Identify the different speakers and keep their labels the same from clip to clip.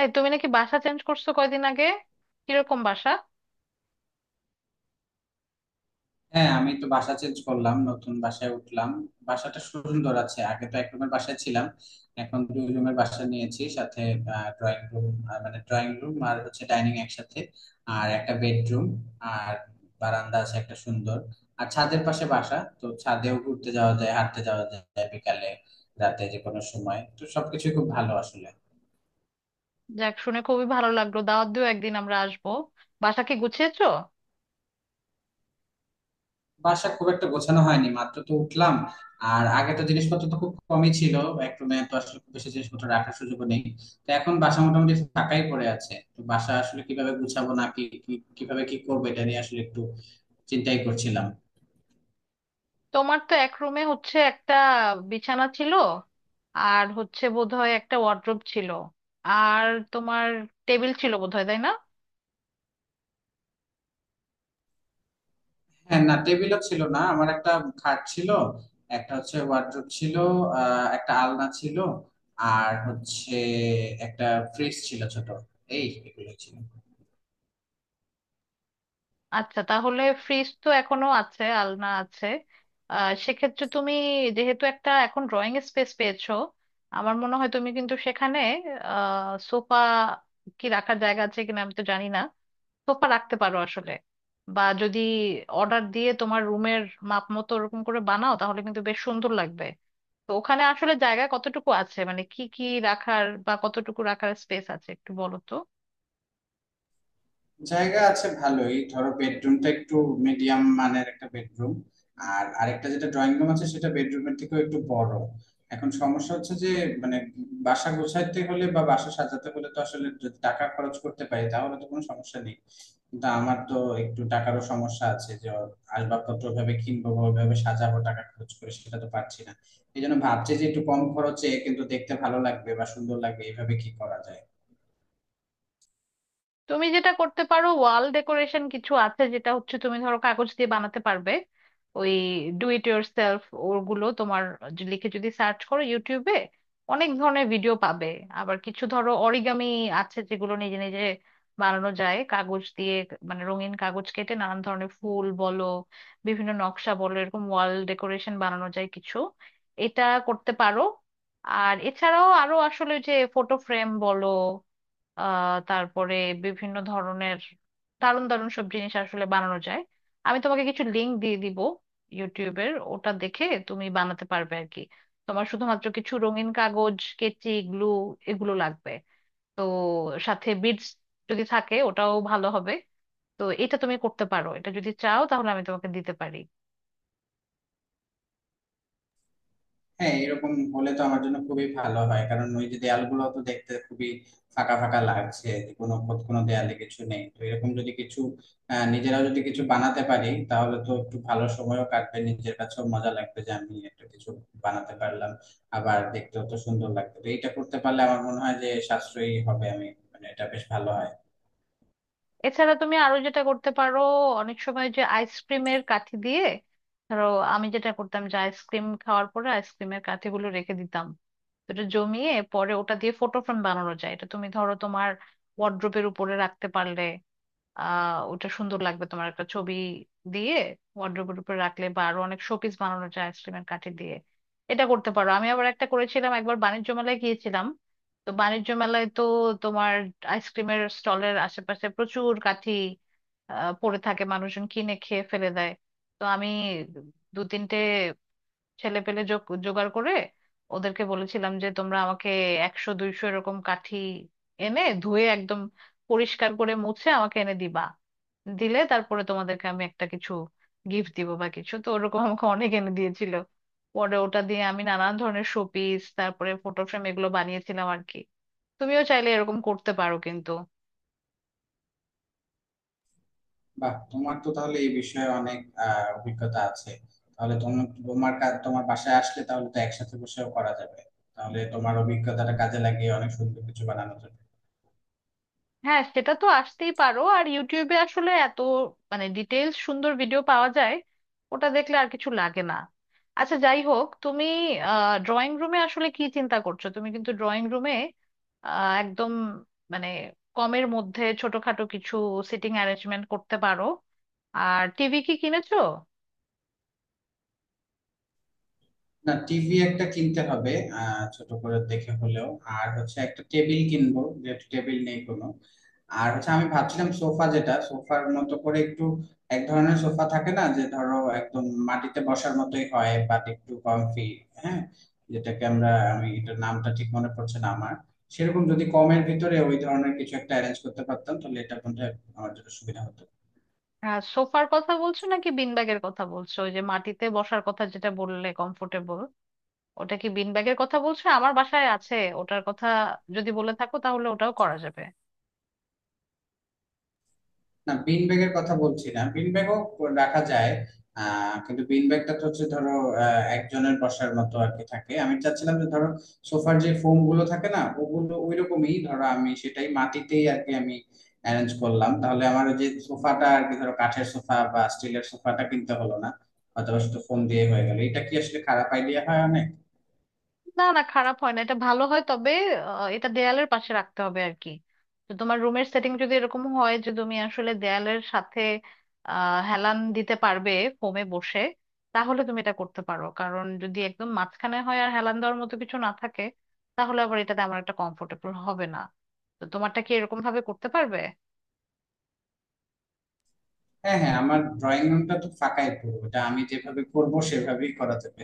Speaker 1: এই তুমি নাকি বাসা চেঞ্জ করছো কয়দিন আগে? কিরকম বাসা?
Speaker 2: হ্যাঁ, আমি তো বাসা চেঞ্জ করলাম, নতুন বাসায় উঠলাম। বাসাটা সুন্দর আছে। আগে তো এক রুমের বাসায় ছিলাম, এখন দুই রুমের বাসা নিয়েছি। সাথে ড্রয়িং রুম, মানে ড্রয়িং রুম আর হচ্ছে ডাইনিং একসাথে, আর একটা বেডরুম, আর বারান্দা আছে একটা সুন্দর। আর ছাদের পাশে বাসা, তো ছাদেও ঘুরতে যাওয়া যায়, হাঁটতে যাওয়া যায় বিকালে, রাতে, যে কোনো সময়। তো সবকিছু খুব ভালো আসলে।
Speaker 1: যাক, শুনে খুবই ভালো লাগলো। দাওয়াত দিও, একদিন আমরা আসবো। বাসা কি গুছিয়েছো?
Speaker 2: বাসা খুব একটা গোছানো হয়নি, মাত্র তো উঠলাম। আর আগে তো জিনিসপত্র তো খুব কমই ছিল, এক রুমে তো আসলে খুব বেশি জিনিসপত্র রাখার সুযোগ নেই। তো এখন বাসা মোটামুটি ফাঁকাই পড়ে আছে, তো বাসা আসলে কিভাবে গুছাবো, না কি কি- কিভাবে কি করবো, এটা নিয়ে আসলে একটু চিন্তাই করছিলাম।
Speaker 1: তোমার তো এক রুমে হচ্ছে একটা বিছানা ছিল, আর হচ্ছে বোধহয় একটা ওয়ার্ড্রোব ছিল, আর তোমার টেবিল ছিল বোধহয়, তাই না?
Speaker 2: হ্যাঁ, না, টেবিলও ছিল না। আমার একটা খাট ছিল, একটা হচ্ছে ওয়ার্ড্রোব ছিল, একটা আলনা ছিল, আর হচ্ছে একটা ফ্রিজ ছিল ছোট। এই এগুলো ছিল।
Speaker 1: আচ্ছা, তাহলে ফ্রিজ তো এখনো আছে, আলনা আছে। সেক্ষেত্রে তুমি যেহেতু একটা এখন ড্রয়িং স্পেস পেয়েছো, আমার মনে হয় তুমি কিন্তু সেখানে সোফা কি রাখার জায়গা আছে কিনা আমি তো জানি না, সোফা রাখতে পারো আসলে। বা যদি অর্ডার দিয়ে তোমার রুমের মাপ মতো ওরকম করে বানাও তাহলে কিন্তু বেশ সুন্দর লাগবে। তো ওখানে আসলে জায়গা কতটুকু আছে, মানে কি কি রাখার বা কতটুকু রাখার স্পেস আছে একটু বলো তো।
Speaker 2: জায়গা আছে ভালোই। ধরো, বেডরুমটা একটু মিডিয়াম মানের একটা বেডরুম, আর আরেকটা যেটা ড্রয়িং রুম আছে সেটা বেডরুমের থেকেও একটু বড়। এখন সমস্যা হচ্ছে যে, মানে, বাসা গোছাইতে হলে বা বাসা সাজাতে হলে তো আসলে যদি টাকা খরচ করতে পারি, তাহলে তো কোনো সমস্যা নেই। কিন্তু আমার তো একটু টাকারও সমস্যা আছে, যে আসবাবপত্র ভাবে কিনবো বা ওইভাবে সাজাবো টাকা খরচ করে, সেটা তো পারছি না। এই জন্য ভাবছি যে একটু কম খরচে কিন্তু দেখতে ভালো লাগবে বা সুন্দর লাগবে, এইভাবে কি করা যায়।
Speaker 1: তুমি যেটা করতে পারো, ওয়াল ডেকোরেশন কিছু আছে যেটা হচ্ছে তুমি ধরো কাগজ দিয়ে বানাতে পারবে। ওই ডু ইট ইয়োর সেলফ, ওগুলো তোমার লিখে যদি সার্চ করো ইউটিউবে অনেক ধরনের ভিডিও পাবে। আবার কিছু ধরো অরিগামি আছে যেগুলো নিজে নিজে বানানো যায় কাগজ দিয়ে। মানে রঙিন কাগজ কেটে নানান ধরনের ফুল বলো, বিভিন্ন নকশা বলো, এরকম ওয়াল ডেকোরেশন বানানো যায় কিছু, এটা করতে পারো। আর এছাড়াও আরো আসলে যে ফটো ফ্রেম বলো, তারপরে বিভিন্ন ধরনের দারুণ দারুণ সব জিনিস আসলে বানানো যায়। আমি তোমাকে কিছু লিংক দিয়ে দিব ইউটিউবের, ওটা দেখে তুমি বানাতে পারবে আর কি। তোমার শুধুমাত্র কিছু রঙিন কাগজ, কেচি, গ্লু, এগুলো লাগবে। তো সাথে বিডস যদি থাকে ওটাও ভালো হবে। তো এটা তুমি করতে পারো, এটা যদি চাও তাহলে আমি তোমাকে দিতে পারি।
Speaker 2: হ্যাঁ, এরকম হলে তো আমার জন্য খুবই ভালো হয়। কারণ ওই যে দেয়ালগুলো তো দেখতে খুবই ফাঁকা ফাঁকা লাগছে, কোনো খোদ কোনো দেয়ালে কিছু নেই। তো এরকম যদি কিছু নিজেরাও যদি কিছু বানাতে পারি, তাহলে তো একটু ভালো সময়ও কাটবে, নিজের কাছেও মজা লাগবে যে আমি একটা কিছু বানাতে পারলাম। আবার দেখতেও তো সুন্দর লাগবে। তো এটা করতে পারলে আমার মনে হয় যে সাশ্রয়ী হবে আমি, মানে এটা বেশ ভালো হয়।
Speaker 1: এছাড়া তুমি আরো যেটা করতে পারো, অনেক সময় যে আইসক্রিমের কাঠি দিয়ে ধরো, আমি যেটা করতাম যে আইসক্রিম খাওয়ার পরে আইসক্রিমের কাঠিগুলো রেখে দিতাম। তো এটা জমিয়ে পরে ওটা দিয়ে ফটো ফ্রেম বানানো যায়। এটা তুমি ধরো তোমার ওয়ার্ড্রোবের উপরে রাখতে পারলে ওটা সুন্দর লাগবে। তোমার একটা ছবি দিয়ে ওয়ার্ড্রোবের উপর রাখলে, বা আরো অনেক শোপিস বানানো যায় আইসক্রিমের কাঠি দিয়ে, এটা করতে পারো। আমি আবার একটা করেছিলাম, একবার বাণিজ্য মেলায় গিয়েছিলাম, তো বাণিজ্য মেলায় তো তোমার আইসক্রিমের স্টলের আশেপাশে প্রচুর কাঠি পড়ে থাকে, মানুষজন কিনে খেয়ে ফেলে দেয়। তো আমি দু তিনটে ছেলে পেলে জোগাড় করে ওদেরকে বলেছিলাম যে তোমরা আমাকে 100 200 এরকম কাঠি এনে ধুয়ে একদম পরিষ্কার করে মুছে আমাকে এনে দিবা, দিলে তারপরে তোমাদেরকে আমি একটা কিছু গিফট দিব বা কিছু। তো ওরকম আমাকে অনেক এনে দিয়েছিল, পরে ওটা দিয়ে আমি নানান ধরনের শোপিস, তারপরে ফটো ফ্রেম, এগুলো বানিয়েছিলাম আর কি। তুমিও চাইলে এরকম করতে পারো কিন্তু।
Speaker 2: বাহ, তোমার তো তাহলে এই বিষয়ে অনেক অভিজ্ঞতা আছে। তাহলে তুমি, তোমার কাজ তোমার বাসায় আসলে, তাহলে তো একসাথে বসেও করা যাবে। তাহলে তোমার অভিজ্ঞতাটা কাজে লাগিয়ে অনেক সুন্দর কিছু বানানো যাবে।
Speaker 1: হ্যাঁ, সেটা তো আসতেই পারো। আর ইউটিউবে আসলে এত মানে ডিটেলস সুন্দর ভিডিও পাওয়া যায়, ওটা দেখলে আর কিছু লাগে না। আচ্ছা, যাই হোক, তুমি ড্রয়িং রুমে আসলে কি চিন্তা করছো? তুমি কিন্তু ড্রয়িং রুমে একদম মানে কমের মধ্যে ছোটখাটো কিছু সিটিং অ্যারেঞ্জমেন্ট করতে পারো। আর টিভি কি কিনেছো?
Speaker 2: না, টিভি একটা কিনতে হবে, ছোট করে দেখে হলেও। আর হচ্ছে একটা টেবিল কিনবো, যেহেতু টেবিল নেই কোনো। আর হচ্ছে, আমি ভাবছিলাম সোফা, যেটা সোফার মতো করে একটু, এক ধরনের সোফা থাকে না, যে ধরো একদম মাটিতে বসার মতোই হয় বাট একটু কমফি, হ্যাঁ, যেটাকে আমরা, আমি এটার নামটা ঠিক মনে পড়ছে না আমার। সেরকম যদি কমের ভিতরে ওই ধরনের কিছু একটা অ্যারেঞ্জ করতে পারতাম, তাহলে এটা মধ্যে আমার জন্য সুবিধা হতো।
Speaker 1: সোফার কথা বলছো নাকি বিনব্যাগের কথা বলছো? ওই যে মাটিতে বসার কথা যেটা বললে কমফোর্টেবল, ওটা কি বিন ব্যাগের কথা বলছো? আমার বাসায় আছে ওটার কথা যদি বলে থাকো, তাহলে ওটাও করা যাবে।
Speaker 2: না, বিন ব্যাগের কথা বলছি না। বিন ব্যাগও রাখা যায়, কিন্তু বিন ব্যাগটা তো হচ্ছে, ধরো, একজনের বসার মতো আর কি থাকে। আমি চাচ্ছিলাম যে ধরো, সোফার যে ফোম গুলো থাকে না, ওগুলো ওই রকমই, ধরো আমি সেটাই মাটিতেই আর কি আমি অ্যারেঞ্জ করলাম, তাহলে আমার ওই যে সোফাটা আর কি, ধরো কাঠের সোফা বা স্টিলের সোফাটা কিনতে হলো না, অথবা শুধু ফোম দিয়ে হয়ে গেল। এটা কি আসলে খারাপ আইডিয়া হয় অনেক?
Speaker 1: না, না, খারাপ হয় না, এটা ভালো হয়। তবে এটা দেয়ালের পাশে রাখতে হবে আর কি। তো তোমার রুমের সেটিং যদি এরকম হয় যে তুমি আসলে দেয়ালের সাথে হেলান দিতে পারবে ফোমে বসে, তাহলে তুমি এটা করতে পারো। কারণ যদি একদম মাঝখানে হয় আর হেলান দেওয়ার মতো কিছু না থাকে, তাহলে আবার এটা তেমন একটা কমফোর্টেবল হবে না। তো তোমারটা কি এরকম ভাবে করতে পারবে?
Speaker 2: হ্যাঁ হ্যাঁ, আমার ড্রয়িং রুমটা তো ফাঁকাই পুরো, এটা আমি যেভাবে করবো সেভাবেই করা যাবে।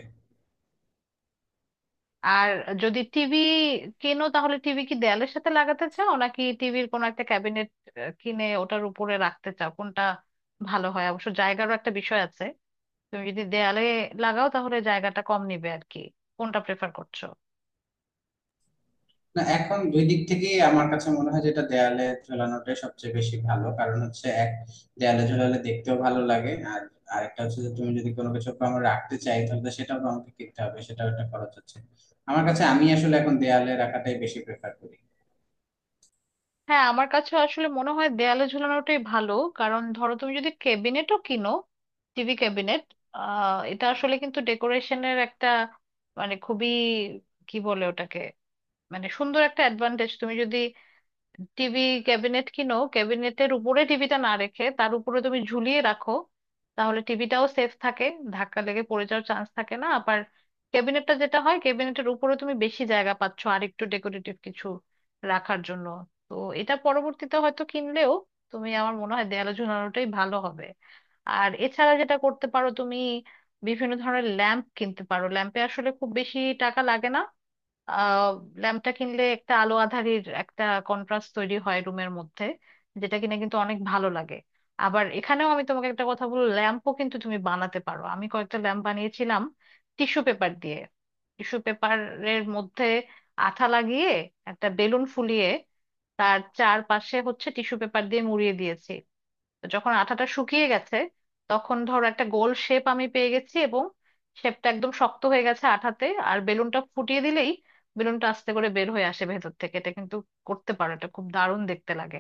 Speaker 1: আর যদি টিভি কেনো, তাহলে টিভি কি দেয়ালের সাথে লাগাতে চাও, নাকি টিভির কোনো একটা ক্যাবিনেট কিনে ওটার উপরে রাখতে চাও? কোনটা ভালো হয়? অবশ্য জায়গারও একটা বিষয় আছে। তুমি যদি দেয়ালে লাগাও, তাহলে জায়গাটা কম নিবে আর কি। কোনটা প্রেফার করছো?
Speaker 2: না, এখন দুই দিক থেকেই আমার কাছে মনে হয় যেটা, দেয়ালে ঝোলানোটাই সবচেয়ে বেশি ভালো। কারণ হচ্ছে, এক, দেয়ালে ঝোলালে দেখতেও ভালো লাগে। আর আরেকটা হচ্ছে যে, তুমি যদি কোনো কিছু আমার রাখতে চাই, তাহলে সেটাও তো আমাকে কিনতে হবে, সেটাও একটা খরচ হচ্ছে আমার কাছে। আমি আসলে এখন দেয়ালে রাখাটাই বেশি প্রেফার করি।
Speaker 1: হ্যাঁ, আমার কাছে আসলে মনে হয় দেয়ালে ঝুলানোটাই ভালো। কারণ ধরো তুমি যদি ক্যাবিনেটও কিনো, টিভি ক্যাবিনেট, এটা আসলে কিন্তু ডেকোরেশনের একটা মানে খুবই, কি বলে ওটাকে, মানে সুন্দর একটা অ্যাডভান্টেজ। তুমি যদি টিভি ক্যাবিনেট কিনো, ক্যাবিনেটের উপরে টিভিটা না রেখে তার উপরে তুমি ঝুলিয়ে রাখো, তাহলে টিভিটাও সেফ থাকে, ধাক্কা লেগে পড়ে যাওয়ার চান্স থাকে না। আবার ক্যাবিনেটটা যেটা হয়, ক্যাবিনেটের উপরে তুমি বেশি জায়গা পাচ্ছ আর একটু ডেকোরেটিভ কিছু রাখার জন্য। তো এটা পরবর্তীতে হয়তো কিনলেও তুমি, আমার মনে হয়, দেয়ালে ঝুলানোটাই ভালো হবে। আর এছাড়া যেটা করতে পারো তুমি, বিভিন্ন ধরনের ল্যাম্প কিনতে পারো। ল্যাম্পে আসলে খুব বেশি টাকা লাগে না। আহ ল্যাম্পটা কিনলে একটা আলো আঁধারির একটা কন্ট্রাস্ট তৈরি হয় রুমের মধ্যে, যেটা কিনা কিন্তু অনেক ভালো লাগে। আবার এখানেও আমি তোমাকে একটা কথা বলবো, ল্যাম্পও কিন্তু তুমি বানাতে পারো। আমি কয়েকটা ল্যাম্প বানিয়েছিলাম টিস্যু পেপার দিয়ে। টিস্যু পেপারের মধ্যে আঠা লাগিয়ে, একটা বেলুন ফুলিয়ে তার চারপাশে হচ্ছে টিস্যু পেপার দিয়ে মুড়িয়ে দিয়েছি। যখন আঠাটা শুকিয়ে গেছে, তখন ধরো একটা গোল শেপ আমি পেয়ে গেছি, এবং শেপটা একদম শক্ত হয়ে গেছে আঠাতে। আর বেলুনটা ফুটিয়ে দিলেই বেলুনটা আস্তে করে বের হয়ে আসে ভেতর থেকে। এটা কিন্তু করতে পারো, এটা খুব দারুণ দেখতে লাগে।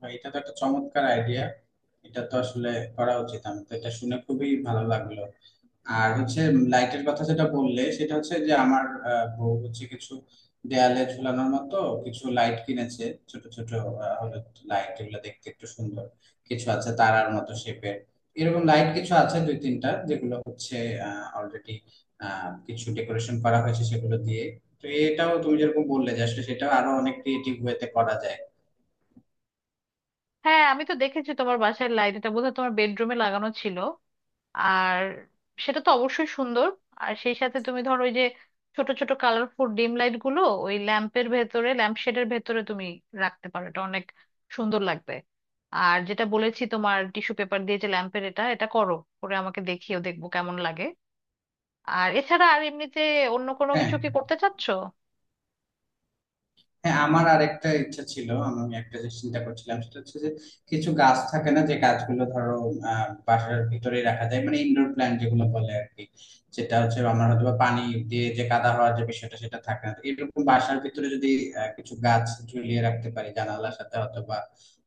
Speaker 2: বা, এটা তো একটা চমৎকার আইডিয়া, এটা তো আসলে করা উচিত। আমি তো এটা শুনে খুবই ভালো লাগলো। আর হচ্ছে লাইটের কথা যেটা বললে, সেটা হচ্ছে যে আমার বউ হচ্ছে কিছু দেয়ালে ঝুলানোর মতো কিছু লাইট কিনেছে। ছোট ছোট হলুদ লাইট, এগুলো দেখতে একটু সুন্দর। কিছু আছে তারার মতো শেপের, এরকম লাইট কিছু আছে দুই তিনটা, যেগুলো হচ্ছে অলরেডি কিছু ডেকোরেশন করা হয়েছে সেগুলো দিয়ে। তো এটাও তুমি যেরকম বললে যে আসলে সেটাও আরো অনেক ক্রিয়েটিভ ওয়েতে করা যায়।
Speaker 1: হ্যাঁ, আমি তো দেখেছি তোমার বাসার লাইট, এটা বোধহয় তোমার বেডরুমে লাগানো ছিল। আর সেটা তো অবশ্যই সুন্দর। আর সেই সাথে তুমি ধরো ওই যে ছোট ছোট কালারফুল ডিম লাইট গুলো ওই ল্যাম্পের ভেতরে, ল্যাম্প শেডের ভেতরে তুমি রাখতে পারো, এটা অনেক সুন্দর লাগবে। আর যেটা বলেছি তোমার টিস্যু পেপার দিয়ে যে ল্যাম্পের, এটা এটা করো, করে আমাকে দেখিও, দেখবো কেমন লাগে। আর এছাড়া আর এমনিতে অন্য কোনো
Speaker 2: হ্যাঁ
Speaker 1: কিছু কি করতে চাচ্ছ?
Speaker 2: হ্যাঁ, আমার আর একটা ইচ্ছা ছিল, আমি একটা যে চিন্তা করছিলাম, সেটা হচ্ছে যে কিছু গাছ থাকে না, যে গাছগুলো ধরো বাসার ভিতরে রাখা যায়, মানে ইনডোর প্ল্যান্ট যেগুলো বলে আর কি। যেটা হচ্ছে আমার হয়তো বা পানি দিয়ে যে কাদা হওয়ার যে বিষয়টা, সেটা থাকে না, তো এরকম বাসার ভিতরে যদি কিছু গাছ ঝুলিয়ে রাখতে পারি জানালার সাথে, অথবা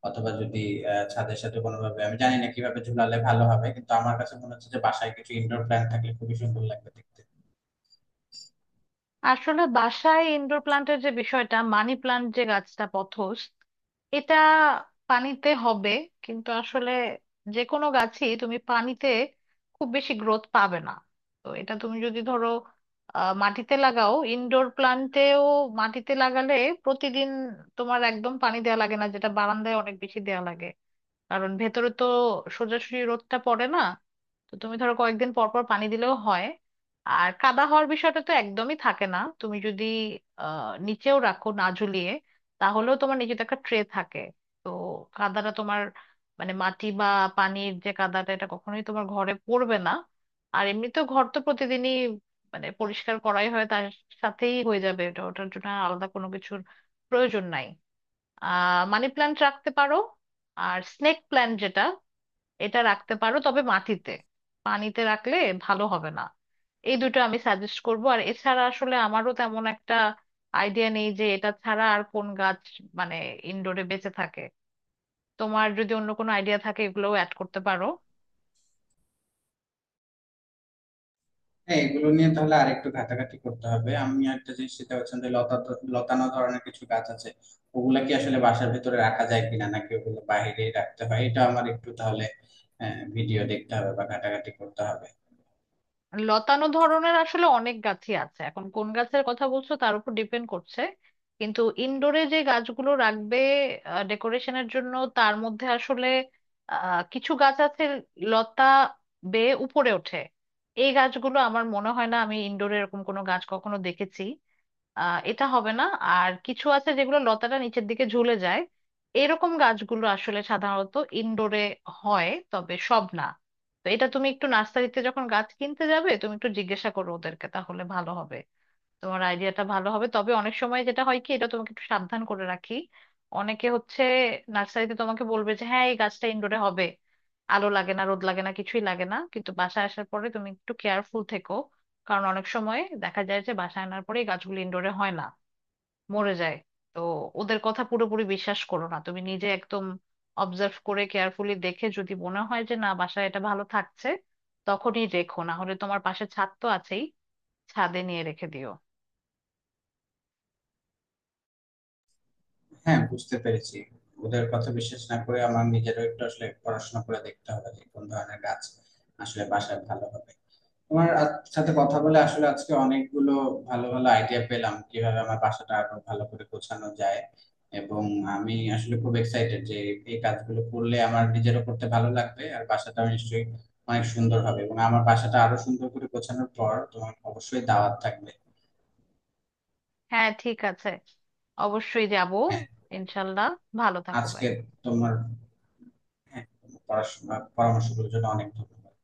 Speaker 2: অথবা যদি ছাদের সাথে কোনোভাবে, আমি জানি না কিভাবে ঝুলালে ভালো হবে, কিন্তু আমার কাছে মনে হচ্ছে যে বাসায় কিছু ইনডোর প্ল্যান্ট থাকলে খুবই সুন্দর লাগবে দেখতে।
Speaker 1: আসলে বাসায় ইনডোর প্লান্টের যে বিষয়টা, মানি প্লান্ট যে গাছটা পথস, এটা পানিতে হবে। কিন্তু আসলে যে কোনো গাছই তুমি পানিতে খুব বেশি গ্রোথ পাবে না। তো এটা তুমি যদি ধরো মাটিতে লাগাও, ইনডোর প্লান্টেও মাটিতে লাগালে প্রতিদিন তোমার একদম পানি দেওয়া লাগে না, যেটা বারান্দায় অনেক বেশি দেওয়া লাগে, কারণ ভেতরে তো সোজাসুজি রোদটা পড়ে না। তো তুমি ধরো কয়েকদিন পর পর পানি দিলেও হয়। আর কাদা হওয়ার বিষয়টা তো একদমই থাকে না। তুমি যদি নিচেও রাখো, না ঝুলিয়ে, তাহলেও তোমার নিচে তো একটা ট্রে থাকে। তো কাদাটা তোমার মানে মাটি বা পানির যে কাদাটা, এটা কখনোই তোমার ঘরে পড়বে না। আর এমনিতেও ঘর তো প্রতিদিনই মানে পরিষ্কার করাই হয়, তার সাথেই হয়ে যাবে এটা, ওটার জন্য আর আলাদা কোনো কিছুর প্রয়োজন নাই। মানি প্ল্যান্ট রাখতে পারো, আর স্নেক প্ল্যান্ট যেটা, এটা রাখতে পারো তবে মাটিতে, পানিতে রাখলে ভালো হবে না। এই দুটো আমি সাজেস্ট করব। আর এছাড়া আসলে আমারও তেমন একটা আইডিয়া নেই যে এটা ছাড়া আর কোন গাছ মানে ইনডোরে বেঁচে থাকে। তোমার যদি অন্য কোনো আইডিয়া থাকে এগুলোও অ্যাড করতে পারো।
Speaker 2: হ্যাঁ, এগুলো নিয়ে তাহলে আরেকটু ঘাটাঘাটি করতে হবে। আমি একটা জিনিস চিন্তা করছিলাম, যে লতা, লতানো ধরনের কিছু গাছ আছে, ওগুলা কি আসলে বাসার ভিতরে রাখা যায় কিনা, নাকি ওগুলো বাইরে রাখতে হয়, এটা আমার একটু তাহলে ভিডিও দেখতে হবে বা ঘাটাঘাটি করতে হবে।
Speaker 1: লতানো ধরনের আসলে অনেক গাছই আছে, এখন কোন গাছের কথা বলছো তার উপর ডিপেন্ড করছে। কিন্তু ইনডোরে যে গাছগুলো রাখবে ডেকোরেশনের জন্য তার মধ্যে আসলে কিছু গাছ আছে লতা বেয়ে উপরে ওঠে, এই গাছগুলো আমার মনে হয় না, আমি ইনডোরে এরকম কোনো গাছ কখনো দেখেছি। এটা হবে না। আর কিছু আছে যেগুলো লতাটা নিচের দিকে ঝুলে যায়, এরকম গাছগুলো আসলে সাধারণত ইনডোরে হয়, তবে সব না। তো এটা তুমি একটু নার্সারিতে যখন গাছ কিনতে যাবে তুমি একটু জিজ্ঞাসা করো ওদেরকে, তাহলে ভালো হবে। তোমার আইডিয়াটা ভালো হবে, তবে অনেক সময় যেটা হয় কি, এটা তোমাকে একটু সাবধান করে রাখি, অনেকে হচ্ছে নার্সারিতে তোমাকে বলবে যে হ্যাঁ, এই গাছটা ইনডোরে হবে, আলো লাগে না, রোদ লাগে না, কিছুই লাগে না। কিন্তু বাসায় আসার পরে তুমি একটু কেয়ারফুল থেকো, কারণ অনেক সময় দেখা যায় যে বাসায় আনার পরে এই গাছগুলো ইনডোরে হয় না, মরে যায়। তো ওদের কথা পুরোপুরি বিশ্বাস করো না, তুমি নিজে একদম অবজার্ভ করে কেয়ারফুলি দেখে যদি মনে হয় যে না, বাসায় এটা ভালো থাকছে, তখনই রেখো। না হলে তোমার পাশে ছাদ তো আছেই, ছাদে নিয়ে রেখে দিও।
Speaker 2: হ্যাঁ, বুঝতে পেরেছি। ওদের কথা বিশ্বাস না করে আমার নিজেরও একটু আসলে পড়াশোনা করে দেখতে হবে যে কোন ধরনের গাছ আসলে বাসায় ভালো হবে। তোমার সাথে কথা বলে আসলে আজকে অনেকগুলো ভালো ভালো আইডিয়া পেলাম, কিভাবে আমার বাসাটা আরো ভালো করে গোছানো যায়। এবং আমি আসলে খুব এক্সাইটেড যে এই কাজগুলো করলে আমার নিজেরও করতে ভালো লাগবে, আর বাসাটা নিশ্চয়ই অনেক সুন্দর হবে। এবং আমার বাসাটা আরো সুন্দর করে গোছানোর পর তোমার অবশ্যই দাওয়াত থাকবে।
Speaker 1: হ্যাঁ, ঠিক আছে, অবশ্যই যাব।
Speaker 2: হ্যাঁ,
Speaker 1: ইনশাল্লাহ, ভালো থাকো
Speaker 2: আজকে
Speaker 1: ভাই।
Speaker 2: তোমার, হ্যাঁ তোমার পড়াশোনা পরামর্শগুলোর জন্য অনেক ধন্যবাদ।